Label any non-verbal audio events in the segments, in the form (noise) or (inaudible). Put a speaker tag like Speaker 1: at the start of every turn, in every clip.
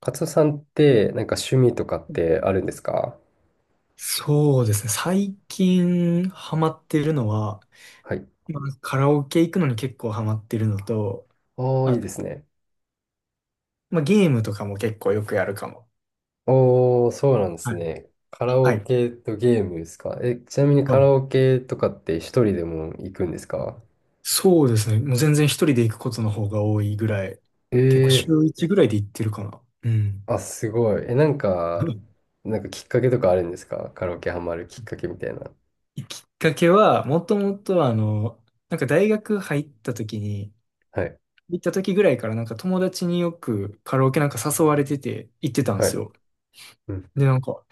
Speaker 1: カツオさんって、なんか趣味とかってあるんですか？
Speaker 2: そうですね。最近ハマってるのは、
Speaker 1: はい。
Speaker 2: まあ、カラオケ行くのに結構ハマってるのと、
Speaker 1: おー、いい
Speaker 2: あ、
Speaker 1: ですね。
Speaker 2: まあ、ゲームとかも結構よくやるかも。
Speaker 1: おー、そうなんで
Speaker 2: は
Speaker 1: す
Speaker 2: い。
Speaker 1: ね。カラ
Speaker 2: は
Speaker 1: オ
Speaker 2: い。
Speaker 1: ケとゲームですか？え、ちなみに
Speaker 2: は
Speaker 1: カ
Speaker 2: い。
Speaker 1: ラオケとかって一人でも行くんですか？
Speaker 2: そうですね。もう全然一人で行くことの方が多いぐらい、結構
Speaker 1: え
Speaker 2: 週一ぐらいで行ってるかな。うん。
Speaker 1: ー、あ、すごい。え、なんか、
Speaker 2: (laughs)
Speaker 1: なんかきっかけとかあるんですか？カラオケハマるきっかけみたいな。
Speaker 2: きっかけは、もともとなんか大学入った時に、
Speaker 1: はい。
Speaker 2: 行った時ぐらいからなんか友達によくカラオケなんか誘われてて行ってたんで
Speaker 1: は
Speaker 2: す
Speaker 1: い。
Speaker 2: よ。
Speaker 1: うん。
Speaker 2: で、なんか、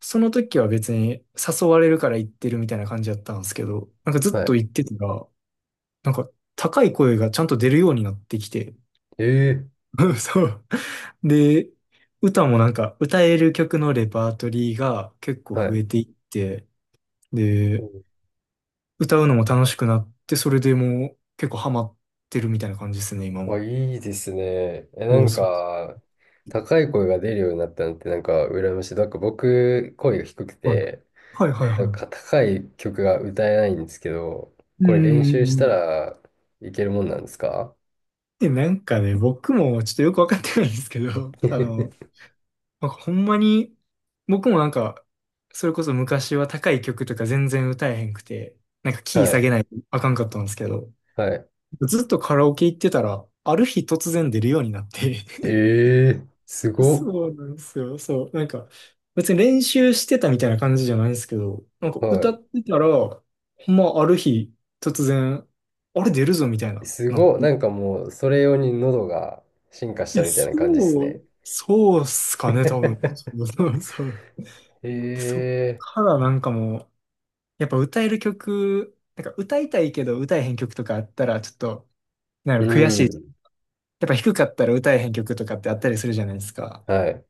Speaker 2: その時は別に誘われるから行ってるみたいな感じだったんですけど、なんかず
Speaker 1: は
Speaker 2: っと
Speaker 1: い。
Speaker 2: 行ってたら、なんか高い声がちゃんと出るようになってきて、
Speaker 1: えー、
Speaker 2: (laughs) そう。で、歌もなんか歌える曲のレパートリーが結構
Speaker 1: は
Speaker 2: 増
Speaker 1: い。
Speaker 2: えていって、で、歌うのも楽しくなって、それでもう結構ハマってるみたいな感じですね、今
Speaker 1: あ、
Speaker 2: も。
Speaker 1: いいですね。え、な
Speaker 2: そう
Speaker 1: ん
Speaker 2: そう
Speaker 1: か、高い声が出るようになったのって、なんか、羨ましい。なんか、僕、声が低く
Speaker 2: そう。
Speaker 1: て、
Speaker 2: はいはいはい
Speaker 1: なん
Speaker 2: は
Speaker 1: か、高い曲が歌えないんですけど、
Speaker 2: い。う
Speaker 1: これ練
Speaker 2: んうんう
Speaker 1: 習し
Speaker 2: んう
Speaker 1: た
Speaker 2: ん。
Speaker 1: らいけるもんなんですか？
Speaker 2: で、なんかね、僕もちょっとよくわかってないんですけど、(laughs)
Speaker 1: (laughs)
Speaker 2: なんかほんまに、僕もなんか、それこそ昔は高い曲とか全然歌えへんくて、なんかキー
Speaker 1: は
Speaker 2: 下
Speaker 1: い。
Speaker 2: げないとあかんかったんですけど、
Speaker 1: はい。
Speaker 2: ずっとカラオケ行ってたら、ある日突然出るようになって。
Speaker 1: ええー、す
Speaker 2: (laughs)
Speaker 1: ごっ。
Speaker 2: そうなんですよ。そう。なんか、別に練習してたみたいな感じじゃないんですけど、なんか歌
Speaker 1: は
Speaker 2: ってたら、ほんまある日突然、あれ出るぞみたい
Speaker 1: い。
Speaker 2: な、
Speaker 1: す
Speaker 2: なっ
Speaker 1: ごっ。
Speaker 2: て。
Speaker 1: なんかもう、それ用に喉が進化し
Speaker 2: い
Speaker 1: た
Speaker 2: や、
Speaker 1: みたいな感じです
Speaker 2: そ
Speaker 1: ね。
Speaker 2: う、そうっすかね、多分。そ
Speaker 1: (laughs)
Speaker 2: うそうそう。で、そっ
Speaker 1: ええ
Speaker 2: からなんかもう、やっぱ歌える曲、なんか歌いたいけど歌えへん曲とかあったらちょっと、なんや
Speaker 1: ー、
Speaker 2: ろ
Speaker 1: う
Speaker 2: 悔しい。や
Speaker 1: ん。
Speaker 2: っぱ低かったら歌えへん曲とかってあったりするじゃないですか。
Speaker 1: はい。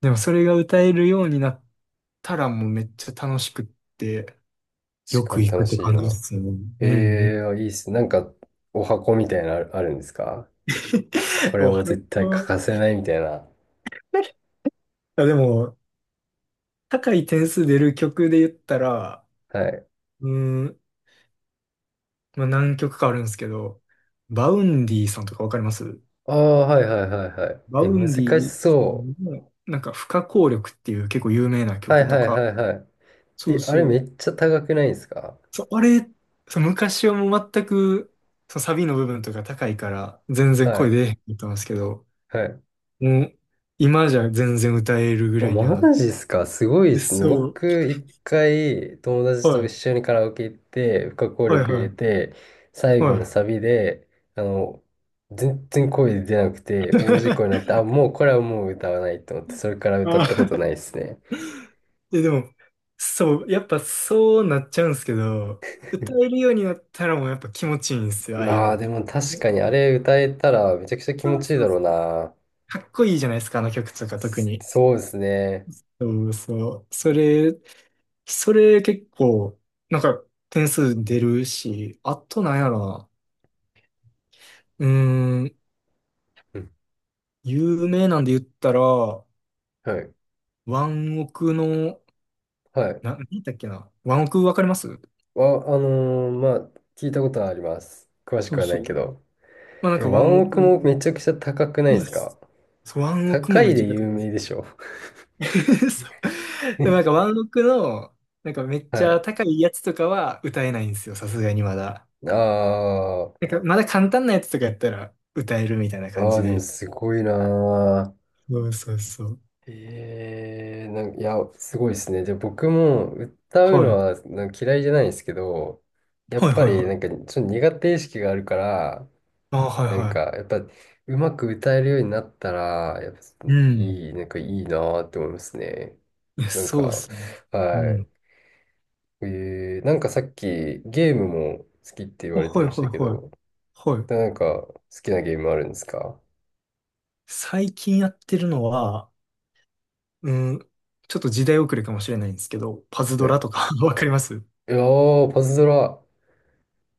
Speaker 2: でもそれが歌えるようになったらもうめっちゃ楽しくって、よ
Speaker 1: 確か
Speaker 2: く
Speaker 1: に
Speaker 2: 行く
Speaker 1: 楽
Speaker 2: って
Speaker 1: しい
Speaker 2: 感じで
Speaker 1: な。
Speaker 2: すよね。
Speaker 1: え
Speaker 2: うんう
Speaker 1: え
Speaker 2: ん。
Speaker 1: ー、いいっす。なんか、お箱みたいなのあるんですか？こ
Speaker 2: (laughs)
Speaker 1: れ
Speaker 2: お
Speaker 1: も
Speaker 2: は
Speaker 1: 絶対
Speaker 2: よ
Speaker 1: 欠か
Speaker 2: う。
Speaker 1: せないみたいな。
Speaker 2: あ、でも、高い点数出る曲で言ったら、
Speaker 1: はい。
Speaker 2: うーん、まあ、何曲かあるんですけど、バウンディさんとかわかります？
Speaker 1: ああ、はいはいはいはい。
Speaker 2: バ
Speaker 1: え、
Speaker 2: ウ
Speaker 1: 難
Speaker 2: ンデ
Speaker 1: し
Speaker 2: ィ
Speaker 1: そ
Speaker 2: の、なんか、不可抗力っていう結構有名な
Speaker 1: う。はい
Speaker 2: 曲と
Speaker 1: はい
Speaker 2: か、
Speaker 1: はいはい。
Speaker 2: そう
Speaker 1: え、あれ
Speaker 2: そ
Speaker 1: め
Speaker 2: う。
Speaker 1: っちゃ高くないですか？
Speaker 2: そう、あれ、そう昔はもう全く、そうサビの部分とか高いから、全然
Speaker 1: は
Speaker 2: 声出
Speaker 1: い。
Speaker 2: えへんかったんですけど、
Speaker 1: はい。
Speaker 2: もう、今じゃ全然歌えるぐ
Speaker 1: お、
Speaker 2: らいには
Speaker 1: マ
Speaker 2: なっ
Speaker 1: ジっすか？すごいで
Speaker 2: て。
Speaker 1: すね。
Speaker 2: そう。
Speaker 1: 僕、一回、友達と
Speaker 2: は
Speaker 1: 一
Speaker 2: い。
Speaker 1: 緒にカラオケ行って、不可抗
Speaker 2: はい
Speaker 1: 力入
Speaker 2: は
Speaker 1: れ
Speaker 2: い。
Speaker 1: て、最後
Speaker 2: は
Speaker 1: の
Speaker 2: い。
Speaker 1: サビで、あの、全然声出なくて、大事故になって、
Speaker 2: (laughs)
Speaker 1: あ、もうこれはもう歌わないと思って、それから
Speaker 2: あ
Speaker 1: 歌ったこと
Speaker 2: ー、
Speaker 1: ないですね。
Speaker 2: え、でも、そう、やっぱそうなっちゃうんですけど、歌えるようになったらもうやっぱ気持ちいいんですよ、
Speaker 1: う
Speaker 2: ああいうの
Speaker 1: わー、
Speaker 2: っ
Speaker 1: で
Speaker 2: て。
Speaker 1: も確かにあれ歌えたらめちゃくちゃ気
Speaker 2: そ
Speaker 1: 持
Speaker 2: う
Speaker 1: ちいい
Speaker 2: そ
Speaker 1: だ
Speaker 2: う
Speaker 1: ろう
Speaker 2: そう。
Speaker 1: な。
Speaker 2: かっこいいじゃないですか、あの曲とか特に。
Speaker 1: そうですね。
Speaker 2: そうそう。それ結構、なんか点数出るし、あとなんやろな。うーん、
Speaker 1: うん。
Speaker 2: 有名なんで言ったら、
Speaker 1: はい。
Speaker 2: ワンオクの、
Speaker 1: はい。
Speaker 2: 何だっけな。ワンオクわかります？
Speaker 1: あ、あのーまあ、聞いたことはあります。詳し
Speaker 2: そ
Speaker 1: く
Speaker 2: う
Speaker 1: はない
Speaker 2: そう。
Speaker 1: けど。
Speaker 2: まあなん
Speaker 1: え、
Speaker 2: かワ
Speaker 1: ワ
Speaker 2: ン
Speaker 1: ン
Speaker 2: オ
Speaker 1: オク
Speaker 2: ク
Speaker 1: もめ
Speaker 2: の、
Speaker 1: ちゃくちゃ高くない
Speaker 2: い
Speaker 1: で
Speaker 2: や、
Speaker 1: すか？
Speaker 2: そうワンオク
Speaker 1: 高
Speaker 2: もめ
Speaker 1: い
Speaker 2: っち
Speaker 1: で
Speaker 2: ゃ高い
Speaker 1: 有
Speaker 2: です。
Speaker 1: 名でしょ。
Speaker 2: (laughs) そう。でもなんか
Speaker 1: (laughs)
Speaker 2: ワンオクの、なんかめっち
Speaker 1: は
Speaker 2: ゃ
Speaker 1: い。
Speaker 2: 高いやつとかは歌えないんですよ、さすがにまだ。
Speaker 1: あ
Speaker 2: なんかまだ簡単なやつとかやったら歌えるみたいな
Speaker 1: あ、
Speaker 2: 感
Speaker 1: ああ、
Speaker 2: じ
Speaker 1: でも
Speaker 2: で。
Speaker 1: すごいな
Speaker 2: そうそうそう。
Speaker 1: ー。ええ、なんか、いや、すごいですね。じゃあ僕も歌うの
Speaker 2: はい。
Speaker 1: はなんか嫌いじゃないんですけど、やっ
Speaker 2: はい
Speaker 1: ぱ
Speaker 2: はい
Speaker 1: り
Speaker 2: は
Speaker 1: なんかち
Speaker 2: い。
Speaker 1: ょっと苦手意識があるから、
Speaker 2: あ、はい
Speaker 1: なんか
Speaker 2: は
Speaker 1: やっぱうまく歌えるようになったら、やっぱ
Speaker 2: い。うん。
Speaker 1: いい、なんかいいなーって思いますね。
Speaker 2: いや、
Speaker 1: なん
Speaker 2: そうっ
Speaker 1: か、
Speaker 2: すね。う
Speaker 1: はい。
Speaker 2: ん。
Speaker 1: えー、なんかさっきゲームも好きって言
Speaker 2: あ、
Speaker 1: われて
Speaker 2: はい
Speaker 1: ま
Speaker 2: は
Speaker 1: した
Speaker 2: い
Speaker 1: け
Speaker 2: はい。
Speaker 1: ど、
Speaker 2: はい。
Speaker 1: なんか好きなゲームあるんですか？
Speaker 2: 最近やってるのは、うん、ちょっと時代遅れかもしれないんですけど、パズド
Speaker 1: ね、
Speaker 2: ラとか。 (laughs) わかります？
Speaker 1: いやー、パズドラ。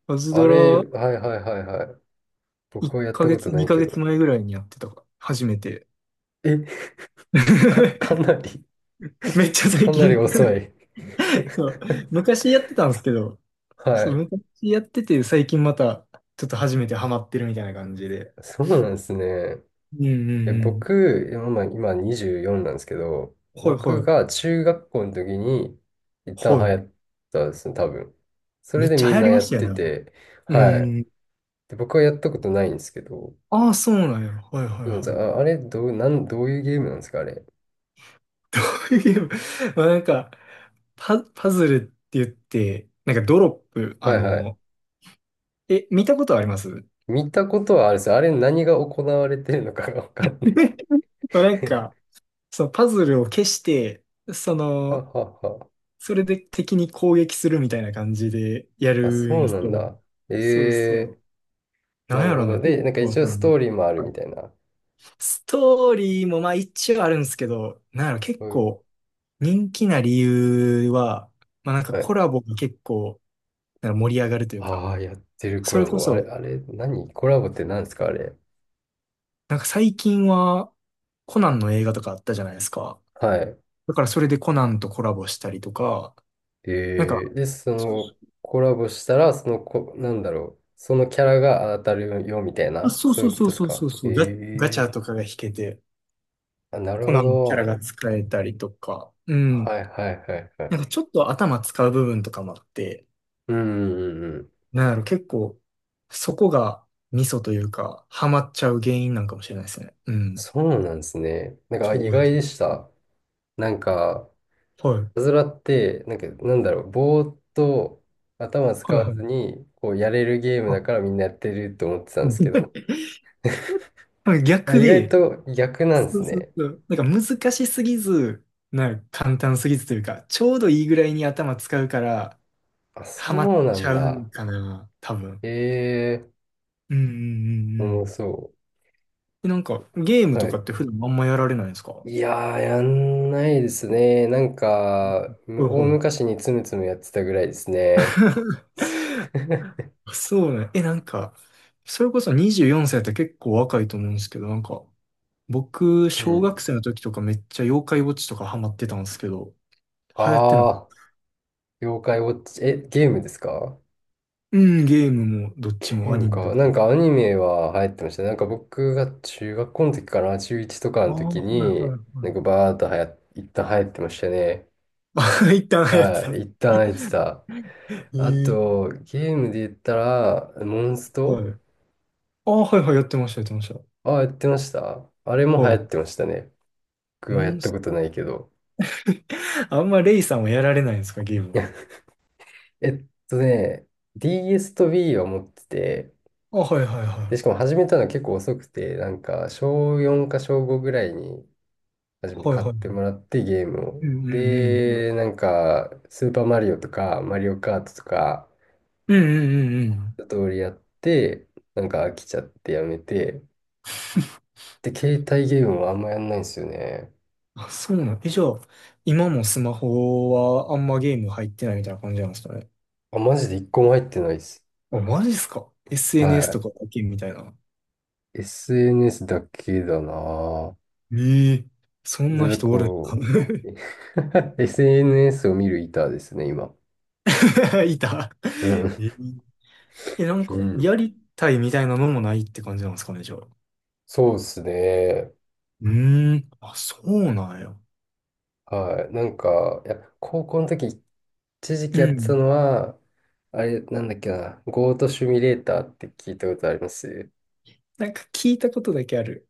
Speaker 2: パズ
Speaker 1: あ
Speaker 2: ド
Speaker 1: れ、
Speaker 2: ラ
Speaker 1: はいはいはいはい。僕
Speaker 2: 1
Speaker 1: はやった
Speaker 2: ヶ
Speaker 1: こ
Speaker 2: 月、
Speaker 1: とない
Speaker 2: 2
Speaker 1: け
Speaker 2: ヶ
Speaker 1: ど。
Speaker 2: 月前ぐらいにやってたか、初めて。
Speaker 1: え、(laughs) か
Speaker 2: (laughs)
Speaker 1: なり、
Speaker 2: めっちゃ
Speaker 1: (laughs)
Speaker 2: 最
Speaker 1: かなり
Speaker 2: 近。
Speaker 1: 遅い。
Speaker 2: (laughs) そう。
Speaker 1: (laughs)
Speaker 2: 昔やってたんですけど、
Speaker 1: は
Speaker 2: そう、
Speaker 1: い。
Speaker 2: 昔やってて、最近また、ちょっと初めてハマってるみたいな感じで。
Speaker 1: そうなんですね。
Speaker 2: うんう
Speaker 1: え、
Speaker 2: んうん。
Speaker 1: 僕、今、24なんですけど、
Speaker 2: はい
Speaker 1: 僕
Speaker 2: はい。
Speaker 1: が中学校の時に一旦
Speaker 2: は
Speaker 1: 流行
Speaker 2: い。
Speaker 1: ったんですね、多分。それ
Speaker 2: めっ
Speaker 1: で
Speaker 2: ちゃ
Speaker 1: み
Speaker 2: 流
Speaker 1: ん
Speaker 2: 行
Speaker 1: な
Speaker 2: りま
Speaker 1: やっ
Speaker 2: したよ
Speaker 1: て
Speaker 2: ね、あの。
Speaker 1: て、
Speaker 2: う
Speaker 1: はい。
Speaker 2: ん。
Speaker 1: で、僕はやったことないんですけど、
Speaker 2: ああ、そうなんや。はいはい
Speaker 1: どう
Speaker 2: はい。
Speaker 1: あ、あれどう、なん、どういうゲームなんですか、あれ。
Speaker 2: (laughs) こういうゲーム。まあなんか、パズルって言って、なんかドロップ、
Speaker 1: は
Speaker 2: あ
Speaker 1: いはい。
Speaker 2: の、え、見たことあります？ (laughs)
Speaker 1: 見たことはあるんですよ。あれ何が行われてるのかがわかんない。
Speaker 2: まあなんか、
Speaker 1: (laughs)
Speaker 2: そのパズルを消して、そ
Speaker 1: は
Speaker 2: の、
Speaker 1: はは。
Speaker 2: それで敵に攻撃するみたいな感じでや
Speaker 1: あ、
Speaker 2: るん
Speaker 1: そ
Speaker 2: で
Speaker 1: う
Speaker 2: す
Speaker 1: な
Speaker 2: け
Speaker 1: ん
Speaker 2: ど。
Speaker 1: だ。え
Speaker 2: そうそ
Speaker 1: え、
Speaker 2: う。な
Speaker 1: な
Speaker 2: ん
Speaker 1: る
Speaker 2: や
Speaker 1: ほ
Speaker 2: ろ
Speaker 1: ど。
Speaker 2: な、結
Speaker 1: で、なんか
Speaker 2: 構
Speaker 1: 一
Speaker 2: さ、
Speaker 1: 応
Speaker 2: あ
Speaker 1: ストー
Speaker 2: の、
Speaker 1: リーもある
Speaker 2: は
Speaker 1: み
Speaker 2: い。
Speaker 1: たいな。
Speaker 2: ストーリーもまあ一応あるんですけど、なんやろ、結
Speaker 1: うん、
Speaker 2: 構人気な理由は、まあなんか
Speaker 1: は
Speaker 2: コ
Speaker 1: い。
Speaker 2: ラボが結構なんか盛り上がるというか、
Speaker 1: ああ、やってるコ
Speaker 2: それ
Speaker 1: ラ
Speaker 2: こ
Speaker 1: ボ。あれ、
Speaker 2: そ、
Speaker 1: あれ、何コラボって何ですか、あれ。
Speaker 2: なんか最近はコナンの映画とかあったじゃないですか。
Speaker 1: はい。
Speaker 2: だからそれでコナンとコラボしたりとか、
Speaker 1: え
Speaker 2: なんか、
Speaker 1: え、で、そ
Speaker 2: そ
Speaker 1: の、コラボしたら、そのこ、なんだろう。そのキャラが当たるよ、みたい
Speaker 2: う
Speaker 1: な。
Speaker 2: そう
Speaker 1: そうい
Speaker 2: そ
Speaker 1: う
Speaker 2: う
Speaker 1: こと
Speaker 2: そ
Speaker 1: で
Speaker 2: う
Speaker 1: す
Speaker 2: そうそ
Speaker 1: か？
Speaker 2: うそう、ガ
Speaker 1: え
Speaker 2: チ
Speaker 1: え、
Speaker 2: ャとかが引けて、
Speaker 1: あ、なる
Speaker 2: コ
Speaker 1: ほ
Speaker 2: ナンのキャラ
Speaker 1: ど。
Speaker 2: が使えたりとか、うん。
Speaker 1: はいはいはいは
Speaker 2: な
Speaker 1: い。
Speaker 2: んかちょっと頭使う部分とかもあって、
Speaker 1: うんうんうん。
Speaker 2: なんやろ、結構、そこがミソというか、ハマっちゃう原因なんかもしれないですね。うん。
Speaker 1: そうなんですね。なんかあ意
Speaker 2: そうで
Speaker 1: 外
Speaker 2: す。
Speaker 1: でした。なんか、
Speaker 2: はい。
Speaker 1: いたずらって、なんか、なんだろう、ぼーっと頭
Speaker 2: は
Speaker 1: 使
Speaker 2: い
Speaker 1: わ
Speaker 2: は
Speaker 1: ず
Speaker 2: い。
Speaker 1: に、こう、やれるゲームだ
Speaker 2: あ、
Speaker 1: からみんなやってると思ってたんですけ
Speaker 2: う
Speaker 1: ど、
Speaker 2: ん。 (laughs)
Speaker 1: いや、
Speaker 2: 逆
Speaker 1: 意外
Speaker 2: で、
Speaker 1: と逆なんで
Speaker 2: そ
Speaker 1: す
Speaker 2: うそう
Speaker 1: ね。
Speaker 2: そう。なんか難しすぎず、なんか簡単すぎずというか、ちょうどいいぐらいに頭使うから、
Speaker 1: あ、
Speaker 2: ハマっ
Speaker 1: そうな
Speaker 2: ち
Speaker 1: ん
Speaker 2: ゃう
Speaker 1: だ。
Speaker 2: んかな、多分。
Speaker 1: ええ
Speaker 2: うんうんうんう
Speaker 1: ー、もう
Speaker 2: ん。
Speaker 1: そ
Speaker 2: で、なんかゲーム
Speaker 1: う。
Speaker 2: と
Speaker 1: は
Speaker 2: か
Speaker 1: い。
Speaker 2: って普段あんまやられないんですか？
Speaker 1: いやー、やんないですね。なんか、
Speaker 2: うん。
Speaker 1: 大
Speaker 2: はいは
Speaker 1: 昔につむつむやってたぐらいです
Speaker 2: い。
Speaker 1: ね。
Speaker 2: (laughs)
Speaker 1: (laughs)
Speaker 2: そうね。え、なんか、それこそ24歳って結構若いと思うんですけど、なんか、僕、
Speaker 1: う
Speaker 2: 小学
Speaker 1: ん。
Speaker 2: 生の時とかめっちゃ妖怪ウォッチとかハマってたんですけど、流行ってなかっ
Speaker 1: ああ、
Speaker 2: た？
Speaker 1: 妖怪ウォッチ、え、ゲームですか？
Speaker 2: うん、ゲームもどっ
Speaker 1: ゲ
Speaker 2: ち
Speaker 1: ー
Speaker 2: もア
Speaker 1: ム
Speaker 2: ニメだ
Speaker 1: か。
Speaker 2: と
Speaker 1: なん
Speaker 2: 思う。
Speaker 1: かアニメは流行ってましたね。なんか僕が中学校の時かな、中1とか
Speaker 2: あ
Speaker 1: の
Speaker 2: あ、
Speaker 1: 時
Speaker 2: はい
Speaker 1: に、なん
Speaker 2: は
Speaker 1: かバーっと一旦流行ってましたね。
Speaker 2: いはい。(laughs) 一旦流行って
Speaker 1: は
Speaker 2: た。
Speaker 1: い、一旦流行ってた。
Speaker 2: え
Speaker 1: あ
Speaker 2: ー、
Speaker 1: と、ゲームで言ったら、モンス
Speaker 2: は
Speaker 1: ト、
Speaker 2: い。ああ、はいはい、やってました、やってました。
Speaker 1: あ、やってました。あれも流行
Speaker 2: はい。
Speaker 1: ってましたね。僕
Speaker 2: モ
Speaker 1: はやっ
Speaker 2: ン
Speaker 1: た
Speaker 2: ス
Speaker 1: こと
Speaker 2: ト。
Speaker 1: ないけど。
Speaker 2: (laughs) あんまレイさんはやられないんですか、ゲームは。
Speaker 1: (laughs) えっとね、DS と Wii は持ってて、
Speaker 2: あ、はいはいは
Speaker 1: で、しか
Speaker 2: い。
Speaker 1: も始めたの結構遅くて、なんか、小4か小5ぐらいに初めて
Speaker 2: はいは
Speaker 1: 買
Speaker 2: い
Speaker 1: っ
Speaker 2: は
Speaker 1: ても
Speaker 2: い。
Speaker 1: らってゲーム
Speaker 2: う
Speaker 1: を。
Speaker 2: んうんうん。
Speaker 1: で、なんか、スーパーマリオとか、マリオカートとか、
Speaker 2: うんうんうんうん。
Speaker 1: 一通りやって、なんか飽きちゃってやめて、で、携帯ゲームはあんまやんないんですよね。
Speaker 2: あ、そうなん。え、じゃあ、今もスマホはあんまゲーム入ってないみたいな感じなんですかね。
Speaker 1: あ、マジで一個も入ってないです。
Speaker 2: あ、マジっすか？ SNS と
Speaker 1: は
Speaker 2: かだけみたいな。
Speaker 1: い。SNS だけだなぁ。
Speaker 2: ええ、そんな
Speaker 1: で、
Speaker 2: 人おるんか。
Speaker 1: こう、
Speaker 2: (laughs)
Speaker 1: (laughs) SNS を見る板ですね、今。
Speaker 2: いた。
Speaker 1: う
Speaker 2: (laughs) え、
Speaker 1: ん。
Speaker 2: え、なん
Speaker 1: う
Speaker 2: か、
Speaker 1: ん。
Speaker 2: やりたいみたいなのもないって感じなんですかね、じゃあ。
Speaker 1: そうですね。
Speaker 2: うーん。あ、そうなんや。
Speaker 1: はい。なんか、いや、高校の時、一時期
Speaker 2: う
Speaker 1: やってた
Speaker 2: ん。
Speaker 1: のは、あれ、なんだっけな、ゴートシミュレーターって聞いたことあります？
Speaker 2: なんか聞いたことだけある。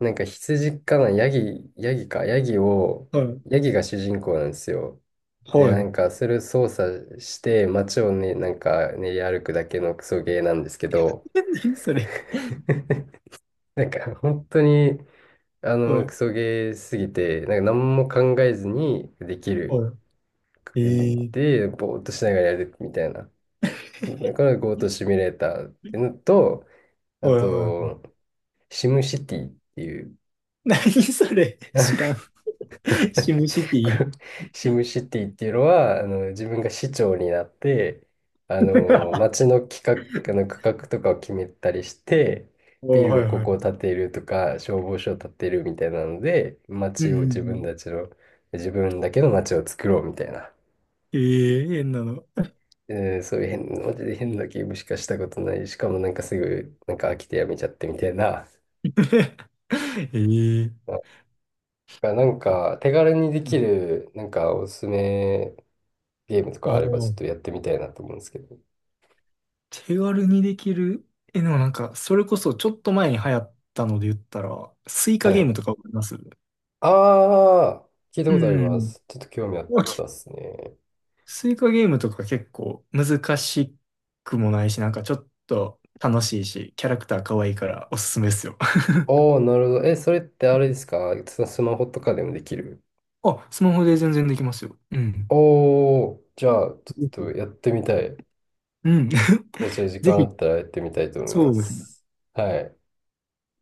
Speaker 1: なんか羊かな、ヤギ、ヤギか、ヤギを、
Speaker 2: はい。
Speaker 1: ヤギが主人公なんですよ。で、
Speaker 2: は
Speaker 1: なん
Speaker 2: い。
Speaker 1: か、それを操作して、街をね、なんか、練り歩くだけのクソゲーなんですけど、
Speaker 2: (laughs) え、何それ。
Speaker 1: なんか、本当に、あ
Speaker 2: は
Speaker 1: の、
Speaker 2: い。
Speaker 1: クソゲーすぎて、なんか、何も考えずにできる。
Speaker 2: はい。ええ。
Speaker 1: で、ぼーっとしながらやるみたいな。だからゴートシミュレーターっていうのと、あ
Speaker 2: はいはいは
Speaker 1: と、
Speaker 2: い。
Speaker 1: シムシティっていう、
Speaker 2: 何それ。知らん。(laughs) シムシテ
Speaker 1: (laughs) こ
Speaker 2: ィ。
Speaker 1: れシムシティっていうのは、あの、自分が市長になって、あの、街
Speaker 2: (laughs)
Speaker 1: の企画、あの、区画とかを決めたりして、ビ
Speaker 2: おー、は
Speaker 1: ル
Speaker 2: い
Speaker 1: こ
Speaker 2: はい。
Speaker 1: こを建てるとか、消防署を建てるみたいなので、
Speaker 2: う
Speaker 1: 街
Speaker 2: ん
Speaker 1: を
Speaker 2: う
Speaker 1: 自
Speaker 2: んう
Speaker 1: 分
Speaker 2: ん。
Speaker 1: たちの、自分だけの街を作ろうみたいな。
Speaker 2: ええ、変なの。
Speaker 1: えーそういう変、マジで変なゲームしかしたことない。しかもなんかすぐ、なんか飽きてやめちゃってみたいな。
Speaker 2: (laughs) ええ。
Speaker 1: がなんか手軽にできるなんかおすすめゲームと
Speaker 2: あ
Speaker 1: かあ
Speaker 2: あ、
Speaker 1: ればちょっとやってみたいなと思うんですけど。
Speaker 2: 手軽にできる。え、でもなんか、それこそちょっと前に流行ったので言ったら、スイカ
Speaker 1: は
Speaker 2: ゲー
Speaker 1: い。
Speaker 2: ムとかわかります？
Speaker 1: ああ、聞いた
Speaker 2: う
Speaker 1: ことありま
Speaker 2: ん。
Speaker 1: す。ちょっと興味あっ
Speaker 2: わけ、
Speaker 1: たっすね。
Speaker 2: スイカゲームとか結構難しくもないし、なんかちょっと楽しいし、キャラクター可愛いからおすすめですよ。
Speaker 1: おー、なるほど。え、それって
Speaker 2: う
Speaker 1: あれで
Speaker 2: ん。
Speaker 1: すか？スマホとかでもできる？
Speaker 2: あ、スマホで全然できますよ。うん。
Speaker 1: おー、じゃあちょっ
Speaker 2: ぜ
Speaker 1: と
Speaker 2: ひ。
Speaker 1: やってみたい。
Speaker 2: うん。
Speaker 1: じゃあちょっと時
Speaker 2: (laughs) ぜ
Speaker 1: 間あ
Speaker 2: ひ。
Speaker 1: ったらやってみたいと思い
Speaker 2: そ
Speaker 1: ま
Speaker 2: うですね。
Speaker 1: す。はい。